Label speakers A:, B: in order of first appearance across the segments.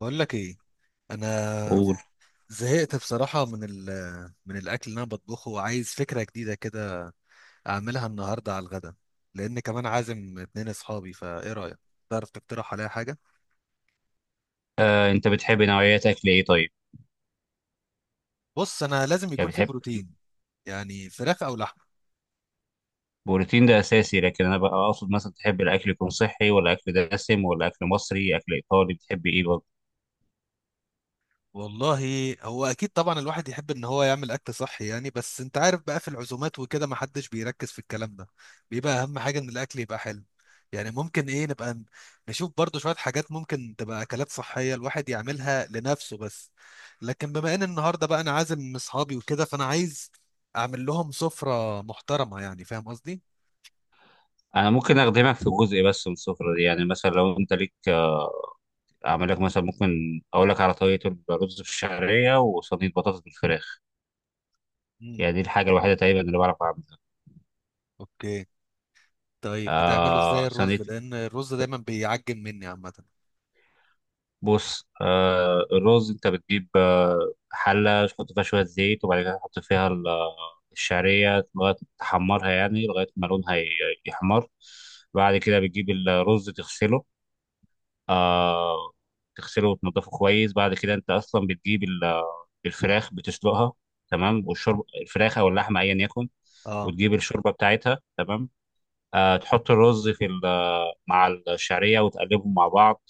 A: بقول لك ايه؟ انا
B: قول.
A: زهقت بصراحه من ال من الاكل اللي انا بطبخه، وعايز فكره جديده كده اعملها النهارده على الغدا، لان كمان عازم اتنين اصحابي. فايه رايك، تعرف تقترح عليا حاجه؟
B: انت بتحب نوعيات اكل ايه طيب؟
A: بص، انا لازم
B: يعني
A: يكون في
B: بتحب؟
A: بروتين، يعني فراخ او لحم.
B: بروتين ده اساسي، لكن انا بقى اقصد مثلا تحب الاكل يكون صحي، ولا اكل دسم، ولا اكل مصري، اكل ايطالي، بتحب ايه برضه؟
A: والله هو اكيد طبعا الواحد يحب ان هو يعمل اكل صحي يعني، بس انت عارف بقى في العزومات وكده ما حدش بيركز في الكلام ده. بيبقى اهم حاجه ان الاكل يبقى حلو. يعني ممكن ايه نبقى نشوف برضو شويه حاجات ممكن تبقى اكلات صحيه الواحد يعملها لنفسه بس. لكن بما ان النهارده بقى انا عازم اصحابي وكده، فانا عايز اعمل لهم سفره محترمه، يعني فاهم قصدي.
B: انا ممكن اخدمك في جزء بس من السفره دي، يعني مثلا لو انت ليك اعمل لك مثلا، ممكن اقول لك على طريقه الرز بالشعريه وصينيه بطاطس بالفراخ،
A: امم
B: يعني دي الحاجه الوحيده تقريبا اللي بعرف اعملها.
A: اوكي. طيب بتعمله ازاي
B: آه،
A: الرز،
B: صينيه.
A: لان الرز دايما بيعجن مني عامه.
B: بص، الرز انت بتجيب حلة تحط فيها شوية زيت، وبعد كده تحط فيها الشعرية لغاية تحمرها، يعني لغاية ما لونها يحمر. بعد كده بتجيب الرز تغسله، آه، تغسله وتنضفه كويس. بعد كده انت اصلا بتجيب الفراخ بتسلقها تمام، والشوربة الفراخ او اللحمة ايا يكن،
A: اه.
B: وتجيب الشوربة بتاعتها تمام. آه، تحط الرز في مع الشعرية وتقلبهم مع بعض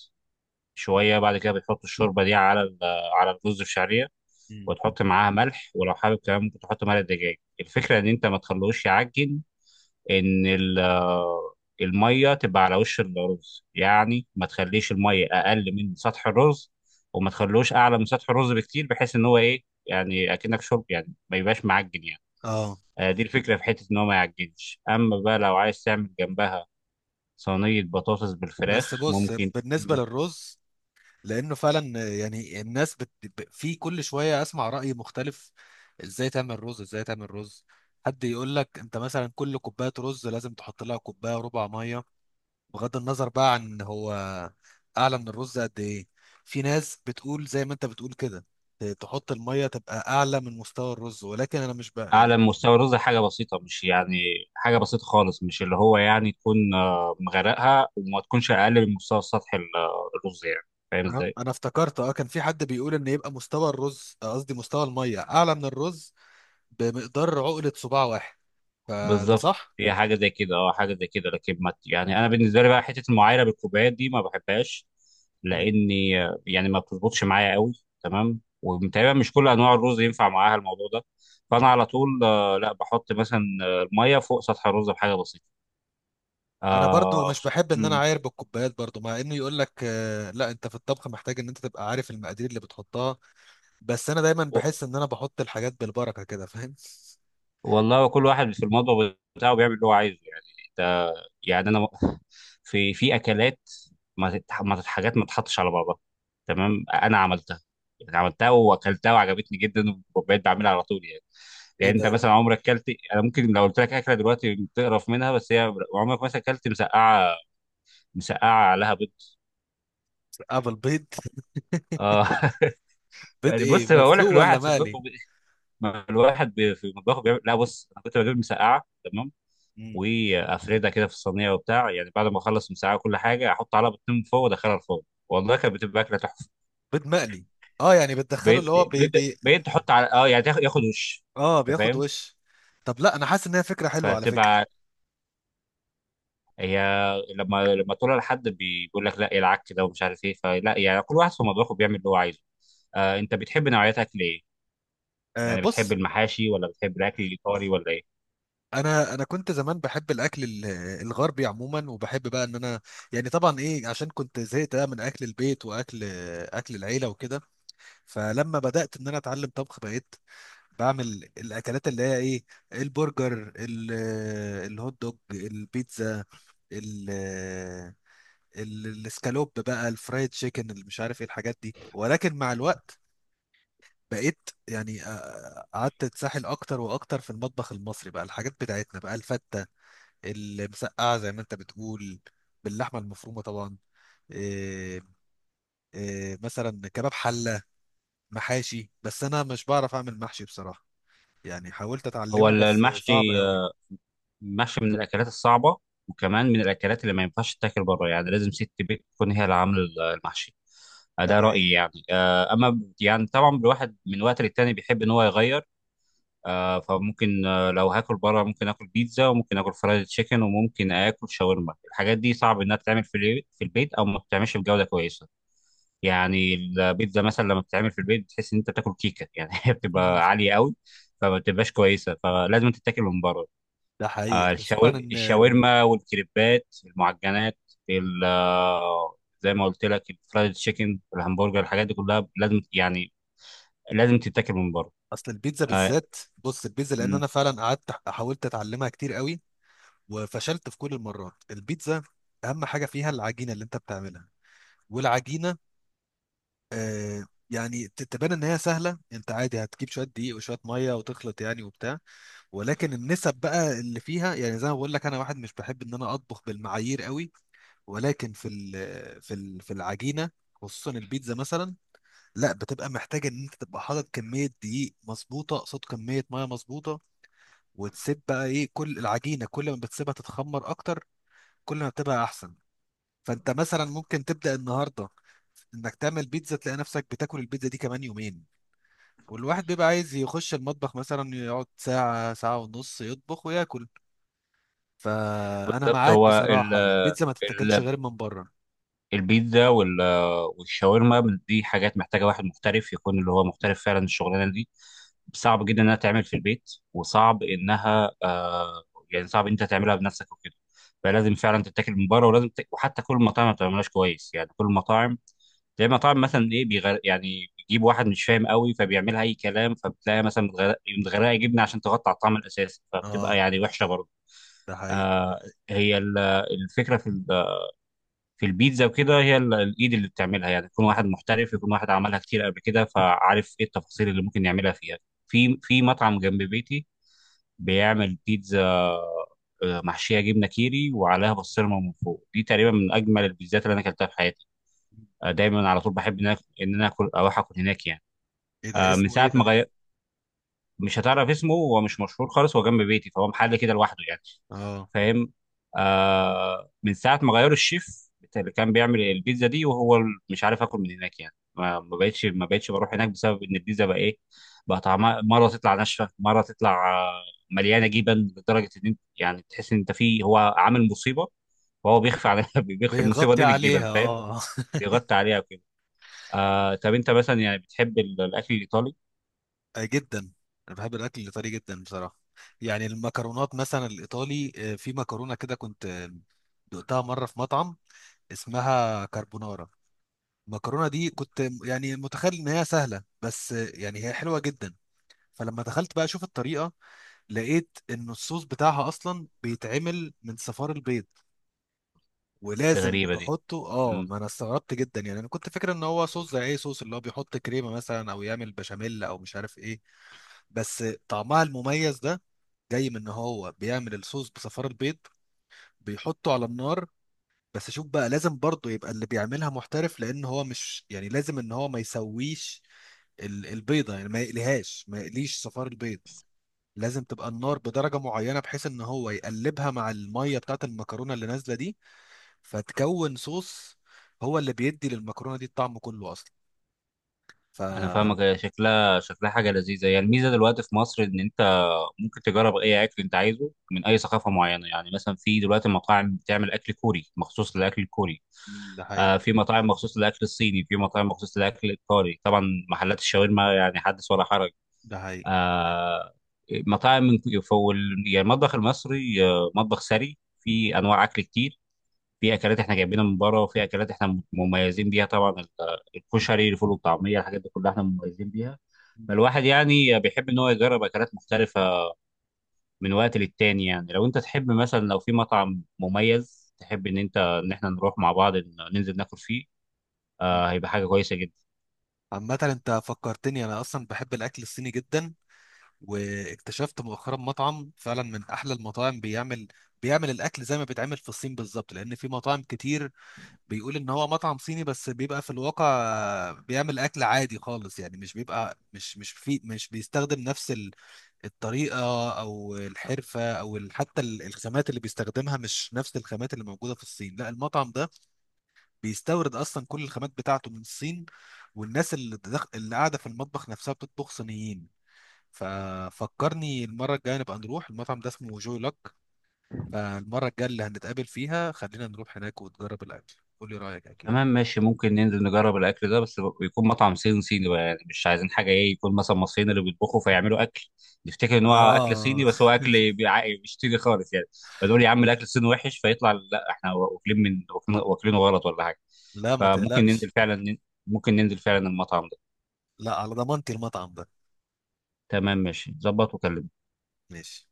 B: شويه. بعد كده بتحط الشوربه دي على على الرز بشعريه،
A: امم
B: وتحط معاها ملح، ولو حابب كمان ممكن تحط ملح دجاج. الفكره ان انت ما تخلوش يعجن، ان الميه تبقى على وش الرز، يعني ما تخليش الميه اقل من سطح الرز، وما تخلوش اعلى من سطح الرز بكتير، بحيث ان هو ايه، يعني اكنك شرب، يعني ما يبقاش معجن يعني.
A: اه،
B: دي الفكره في حته ان هو ما يعجنش. اما بقى لو عايز تعمل جنبها صينيه بطاطس
A: بس
B: بالفراخ
A: بص،
B: ممكن.
A: بالنسبة للرز، لأنه فعلا يعني الناس في كل شوية أسمع رأي مختلف. إزاي تعمل رز، إزاي تعمل رز. حد يقول لك أنت مثلا كل كوباية رز لازم تحط لها كوباية ربع مية، بغض النظر بقى عن هو أعلى من الرز قد إيه. في ناس بتقول زي ما أنت بتقول كده، تحط المية تبقى أعلى من مستوى الرز، ولكن أنا مش بقى يعني.
B: اعلى من مستوى الرز حاجه بسيطه، مش يعني حاجه بسيطه خالص، مش اللي هو يعني تكون مغرقها، وما تكونش اقل من مستوى سطح الرز يعني، فاهم
A: أنا
B: ازاي؟
A: أنا افتكرت أه، كان في حد بيقول إن يبقى مستوى الرز، قصدي مستوى المية، أعلى من الرز بمقدار عقلة صباع واحد. فده
B: بالظبط،
A: صح؟
B: هي حاجه زي كده، اه، حاجه زي كده، لكن ما يعني انا بالنسبه لي بقى حته المعايره بالكوبايات دي ما بحبهاش،
A: مم.
B: لاني يعني ما بتظبطش معايا قوي. تمام، وتقريبا مش كل انواع الرز ينفع معاها الموضوع ده، فانا على طول لا بحط مثلا الميه فوق سطح الرز بحاجه بسيطه.
A: انا برضو
B: آه
A: مش
B: خصو-
A: بحب ان انا
B: مم.
A: اعاير بالكوبايات برضو، مع انه يقول لك لا، انت في الطبخ محتاج ان انت تبقى عارف المقادير اللي بتحطها. بس انا دايما بحس ان انا بحط الحاجات بالبركة كده، فاهم؟
B: والله هو كل واحد في المطبخ بتاعه بيعمل اللي هو عايزه يعني. انت يعني انا في اكلات، ما تتح- ما تت- حاجات ما تتحطش على بعضها تمام، انا عملتها يعني، عملتها واكلتها وعجبتني جدا وبقيت بعملها على طول يعني.
A: ايه
B: يعني انت
A: ده؟
B: مثلا عمرك اكلت؟ انا ممكن لو قلت لك اكله دلوقتي تقرف منها، بس هي عمرك مثلا اكلت مسقعه، مسقعه عليها بيض؟
A: قبل بيض.
B: اه.
A: بيض
B: يعني
A: ايه،
B: بص، بقول
A: مسلوق
B: لك
A: ولا
B: الواحد في المطبخ
A: مقلي؟
B: ما الواحد في مطبخه بيعمل، لا بص انا كنت بجيب مسقعه تمام،
A: مم.
B: وافردها كده في الصينيه وبتاع، يعني بعد ما اخلص المساعة وكل حاجه احط عليها بيضتين من فوق وادخلها الفرن، والله كانت بتبقى اكله تحفه.
A: بيض مقلي. اه، يعني بتدخله
B: بيض،
A: اللي هو بي
B: بيض،
A: بي
B: بيض تحط على اه يعني ياخد وش،
A: اه،
B: انت
A: بياخد
B: فاهم؟
A: وش. طب لا، انا حاسس ان هي فكرة حلوة على فكرة.
B: فتبقى هي لما تقولها لحد بيقول لك لا إيه العك كده ومش عارف ايه، فلا يعني كل واحد في مطبخه بيعمل اللي هو عايزه. آه، انت بتحب نوعيات اكل ايه؟
A: آه
B: يعني بتحب
A: بص،
B: المحاشي، ولا بتحب الاكل الايطالي، ولا ايه؟
A: انا كنت زمان بحب الاكل الغربي عموما، وبحب بقى ان انا، يعني طبعا ايه، عشان كنت زهقت بقى من اكل البيت واكل اكل العيله وكده. فلما بدات ان انا اتعلم طبخ، بقيت بعمل الاكلات اللي هي ايه: البرجر، الهوت دوج، البيتزا، ال الاسكالوب بقى، الفرايد تشيكن، اللي مش عارف ايه الحاجات دي. ولكن مع الوقت بقيت يعني، قعدت اتسحل اكتر واكتر في المطبخ المصري بقى، الحاجات بتاعتنا بقى: الفته، المسقعه زي ما انت بتقول باللحمه المفرومه طبعا، إيه، إيه مثلا كباب حله، محاشي. بس انا مش بعرف اعمل محشي بصراحه، يعني حاولت
B: هو
A: اتعلمه بس صعب
B: المحشي
A: قوي.
B: محشي من الاكلات الصعبه، وكمان من الاكلات اللي ما ينفعش تتاكل بره، يعني لازم ست بيت تكون هي اللي عامله المحشي.
A: ده
B: ده
A: حقيقي.
B: رايي يعني. اما يعني طبعا الواحد من وقت للتاني بيحب ان هو يغير، فممكن لو هاكل بره ممكن اكل بيتزا، وممكن اكل فرايد تشيكن، وممكن اكل شاورما. الحاجات دي صعب انها تتعمل في في البيت، او ما بتتعملش بجوده كويسه، يعني البيتزا مثلا لما بتتعمل في البيت بتحس ان انت بتاكل كيكه يعني، هي بتبقى عاليه قوي، فما بتبقاش كويسه، فلازم تتاكل من بره.
A: ده حقيقي، خصوصا ان
B: الشاورما والكريبات المعجنات، زي ما قلت لك الفرايد تشيكن، الهمبرجر، الحاجات دي كلها لازم يعني لازم تتاكل من بره.
A: اصل البيتزا
B: آه،
A: بالذات. بص البيتزا، لان
B: م.
A: انا فعلا قعدت حاولت اتعلمها كتير قوي، وفشلت في كل المرات. البيتزا اهم حاجه فيها العجينه اللي انت بتعملها، والعجينه آه، يعني تبان ان هي سهله، انت عادي هتجيب شويه دقيق وشويه ميه وتخلط يعني وبتاع. ولكن النسب بقى اللي فيها، يعني زي ما بقول لك، انا واحد مش بحب ان انا اطبخ بالمعايير قوي. ولكن في ال في ال في العجينه خصوصا البيتزا مثلا، لا بتبقى محتاجه ان انت تبقى حاطط كميه دقيق مظبوطه قصاد كميه ميه مظبوطه. وتسيب بقى ايه كل العجينه، كل ما بتسيبها تتخمر اكتر كل ما بتبقى احسن. فانت مثلا ممكن تبدا النهارده انك تعمل بيتزا تلاقي نفسك بتاكل البيتزا دي كمان يومين، والواحد بيبقى عايز يخش المطبخ مثلا يقعد ساعة ساعة ونص يطبخ وياكل. فانا
B: بالظبط،
A: معاك
B: هو
A: بصراحه، البيتزا ما تتاكلش
B: ال-
A: غير من بره.
B: البيتزا والشاورما دي حاجات محتاجه واحد محترف، يكون اللي هو محترف فعلا الشغلانه دي. صعب جدا انها تعمل في البيت، وصعب انها يعني صعب انت تعملها بنفسك وكده، فلازم فعلا تتاكل من بره، ولازم وحتى كل المطاعم ما بتعملهاش كويس يعني كل المطاعم، زي ما طبعا مثلا ايه بيغر، يعني بيجيب واحد مش فاهم قوي فبيعملها اي كلام، فبتلاقي مثلا متغرقه جبنه عشان تغطي على الطعم الاساسي، فبتبقى
A: اه،
B: يعني وحشه برضه.
A: ده حقيقي.
B: آه، هي الفكره في في البيتزا وكده، هي الايد اللي بتعملها يعني، يكون واحد محترف، يكون واحد عملها كتير قبل كده فعارف ايه التفاصيل اللي ممكن يعملها فيها. في مطعم جنب بيتي بيعمل بيتزا محشيه جبنه كيري وعليها بسطرمه من فوق، دي تقريبا من اجمل البيتزات اللي انا اكلتها في حياتي. دايما على طول بحب ان انا ان انا اكل اروح اكل هناك يعني.
A: ايه ده،
B: من
A: اسمه ايه
B: ساعه ما
A: ده؟
B: غير، مش هتعرف اسمه، هو مش مشهور خالص، هو جنب بيتي فهو محل كده لوحده يعني،
A: اه،
B: فاهم؟ آه، من ساعه ما غيروا الشيف بتاع اللي كان بيعمل البيتزا دي وهو مش عارف اكل من هناك يعني، ما بقتش بروح هناك بسبب ان البيتزا بقى ايه، بقى طعمها مره تطلع ناشفه، مره تطلع مليانه جبن، لدرجه ان انت يعني تحس ان انت فيه هو عامل مصيبه، وهو بيخفي على بيخفي المصيبه
A: بيغطي
B: دي بالجبن،
A: عليها،
B: فاهم؟
A: اه.
B: بيغطي عليها وكده. آه، طب انت مثلا يعني بتحب الاكل الايطالي؟
A: آه، جدا. انا بحب الاكل الايطالي جدا بصراحه. يعني المكرونات مثلا الايطالي، في مكرونه كده كنت دقتها مره في مطعم، اسمها كاربونارا. المكرونه دي كنت يعني متخيل ان هي سهله، بس يعني هي حلوه جدا. فلما دخلت بقى اشوف الطريقه، لقيت ان الصوص بتاعها اصلا بيتعمل من صفار البيض،
B: دي
A: ولازم
B: غريبه، دي
A: تحطه. اه، ما انا استغربت جدا يعني، انا كنت فاكر ان هو صوص زي اي صوص اللي هو بيحط كريمه مثلا، او يعمل بشاميل او مش عارف ايه. بس طعمها المميز ده جاي من ان هو بيعمل الصوص بصفار البيض، بيحطه على النار. بس شوف بقى، لازم برضه يبقى اللي بيعملها محترف، لان هو مش، يعني لازم ان هو ما يسويش البيضه يعني، ما يقليهاش، ما يقليش صفار البيض. لازم تبقى النار بدرجه معينه بحيث ان هو يقلبها مع الميه بتاعت المكرونه اللي نازله دي، فتكون صوص. هو اللي بيدي للمكرونه دي الطعم كله اصلا. ف...
B: انا فاهمك، هي شكلها شكلها حاجه لذيذه يعني. الميزه دلوقتي في مصر ان انت ممكن تجرب اي اكل انت عايزه من اي ثقافه معينه، يعني مثلا في دلوقتي مطاعم بتعمل اكل كوري مخصوص للاكل الكوري،
A: مم، ده
B: آه،
A: حقيقي.
B: في مطاعم مخصوص للاكل الصيني، في مطاعم مخصوص للاكل الايطالي طبعا، محلات الشاورما يعني حدث ولا حرج.
A: ده حقيقي.
B: آه، مطاعم من فول يعني، المطبخ المصري مطبخ ثري في انواع اكل كتير، في اكلات احنا جايبينها من بره، وفي اكلات احنا مميزين بيها طبعا، الكشري الفول والطعميه، الحاجات دي كلها احنا مميزين بيها.
A: مم.
B: الواحد يعني بيحب ان هو يجرب اكلات مختلفه من وقت للتاني، يعني لو انت تحب مثلا، لو في مطعم مميز، تحب ان انت ان احنا نروح مع بعض ننزل ناكل فيه،
A: مم.
B: آه، هيبقى حاجه كويسه جدا.
A: عامة، انت فكرتني، انا اصلا بحب الاكل الصيني جدا. واكتشفت مؤخرا مطعم فعلا من احلى المطاعم، بيعمل الاكل زي ما بيتعمل في الصين بالظبط. لان في مطاعم كتير بيقول ان هو مطعم صيني بس بيبقى في الواقع بيعمل اكل عادي خالص، يعني مش بيبقى، مش مش في مش بيستخدم نفس الطريقة أو الحرفة أو الخامات اللي بيستخدمها، مش نفس الخامات اللي موجودة في الصين. لا، المطعم ده بيستورد أصلا كل الخامات بتاعته من الصين، والناس اللي اللي قاعدة في المطبخ نفسها بتطبخ صينيين. ففكرني المرة الجاية نبقى نروح المطعم ده، اسمه جوي لوك. فالمرة الجاية اللي هنتقابل فيها خلينا نروح هناك وتجرب الأكل، قولي رأيك أكيد.
B: تمام ماشي، ممكن ننزل نجرب الاكل ده، بس يكون مطعم صيني صيني بقى يعني، مش عايزين حاجه ايه يكون مثلا مصريين اللي بيطبخوا، فيعملوا اكل نفتكر ان هو اكل
A: اه،
B: صيني، بس هو اكل مش صيني خالص يعني، فنقول يا عم الاكل الصيني وحش، فيطلع لا احنا واكلين، من واكلينه غلط ولا حاجه.
A: لا ما
B: فممكن
A: تقلقش.
B: ننزل فعلا، ممكن ننزل فعلا المطعم ده.
A: لا، على ضمانتي المطعم ده.
B: تمام ماشي، ظبط وكلمني.
A: ماشي.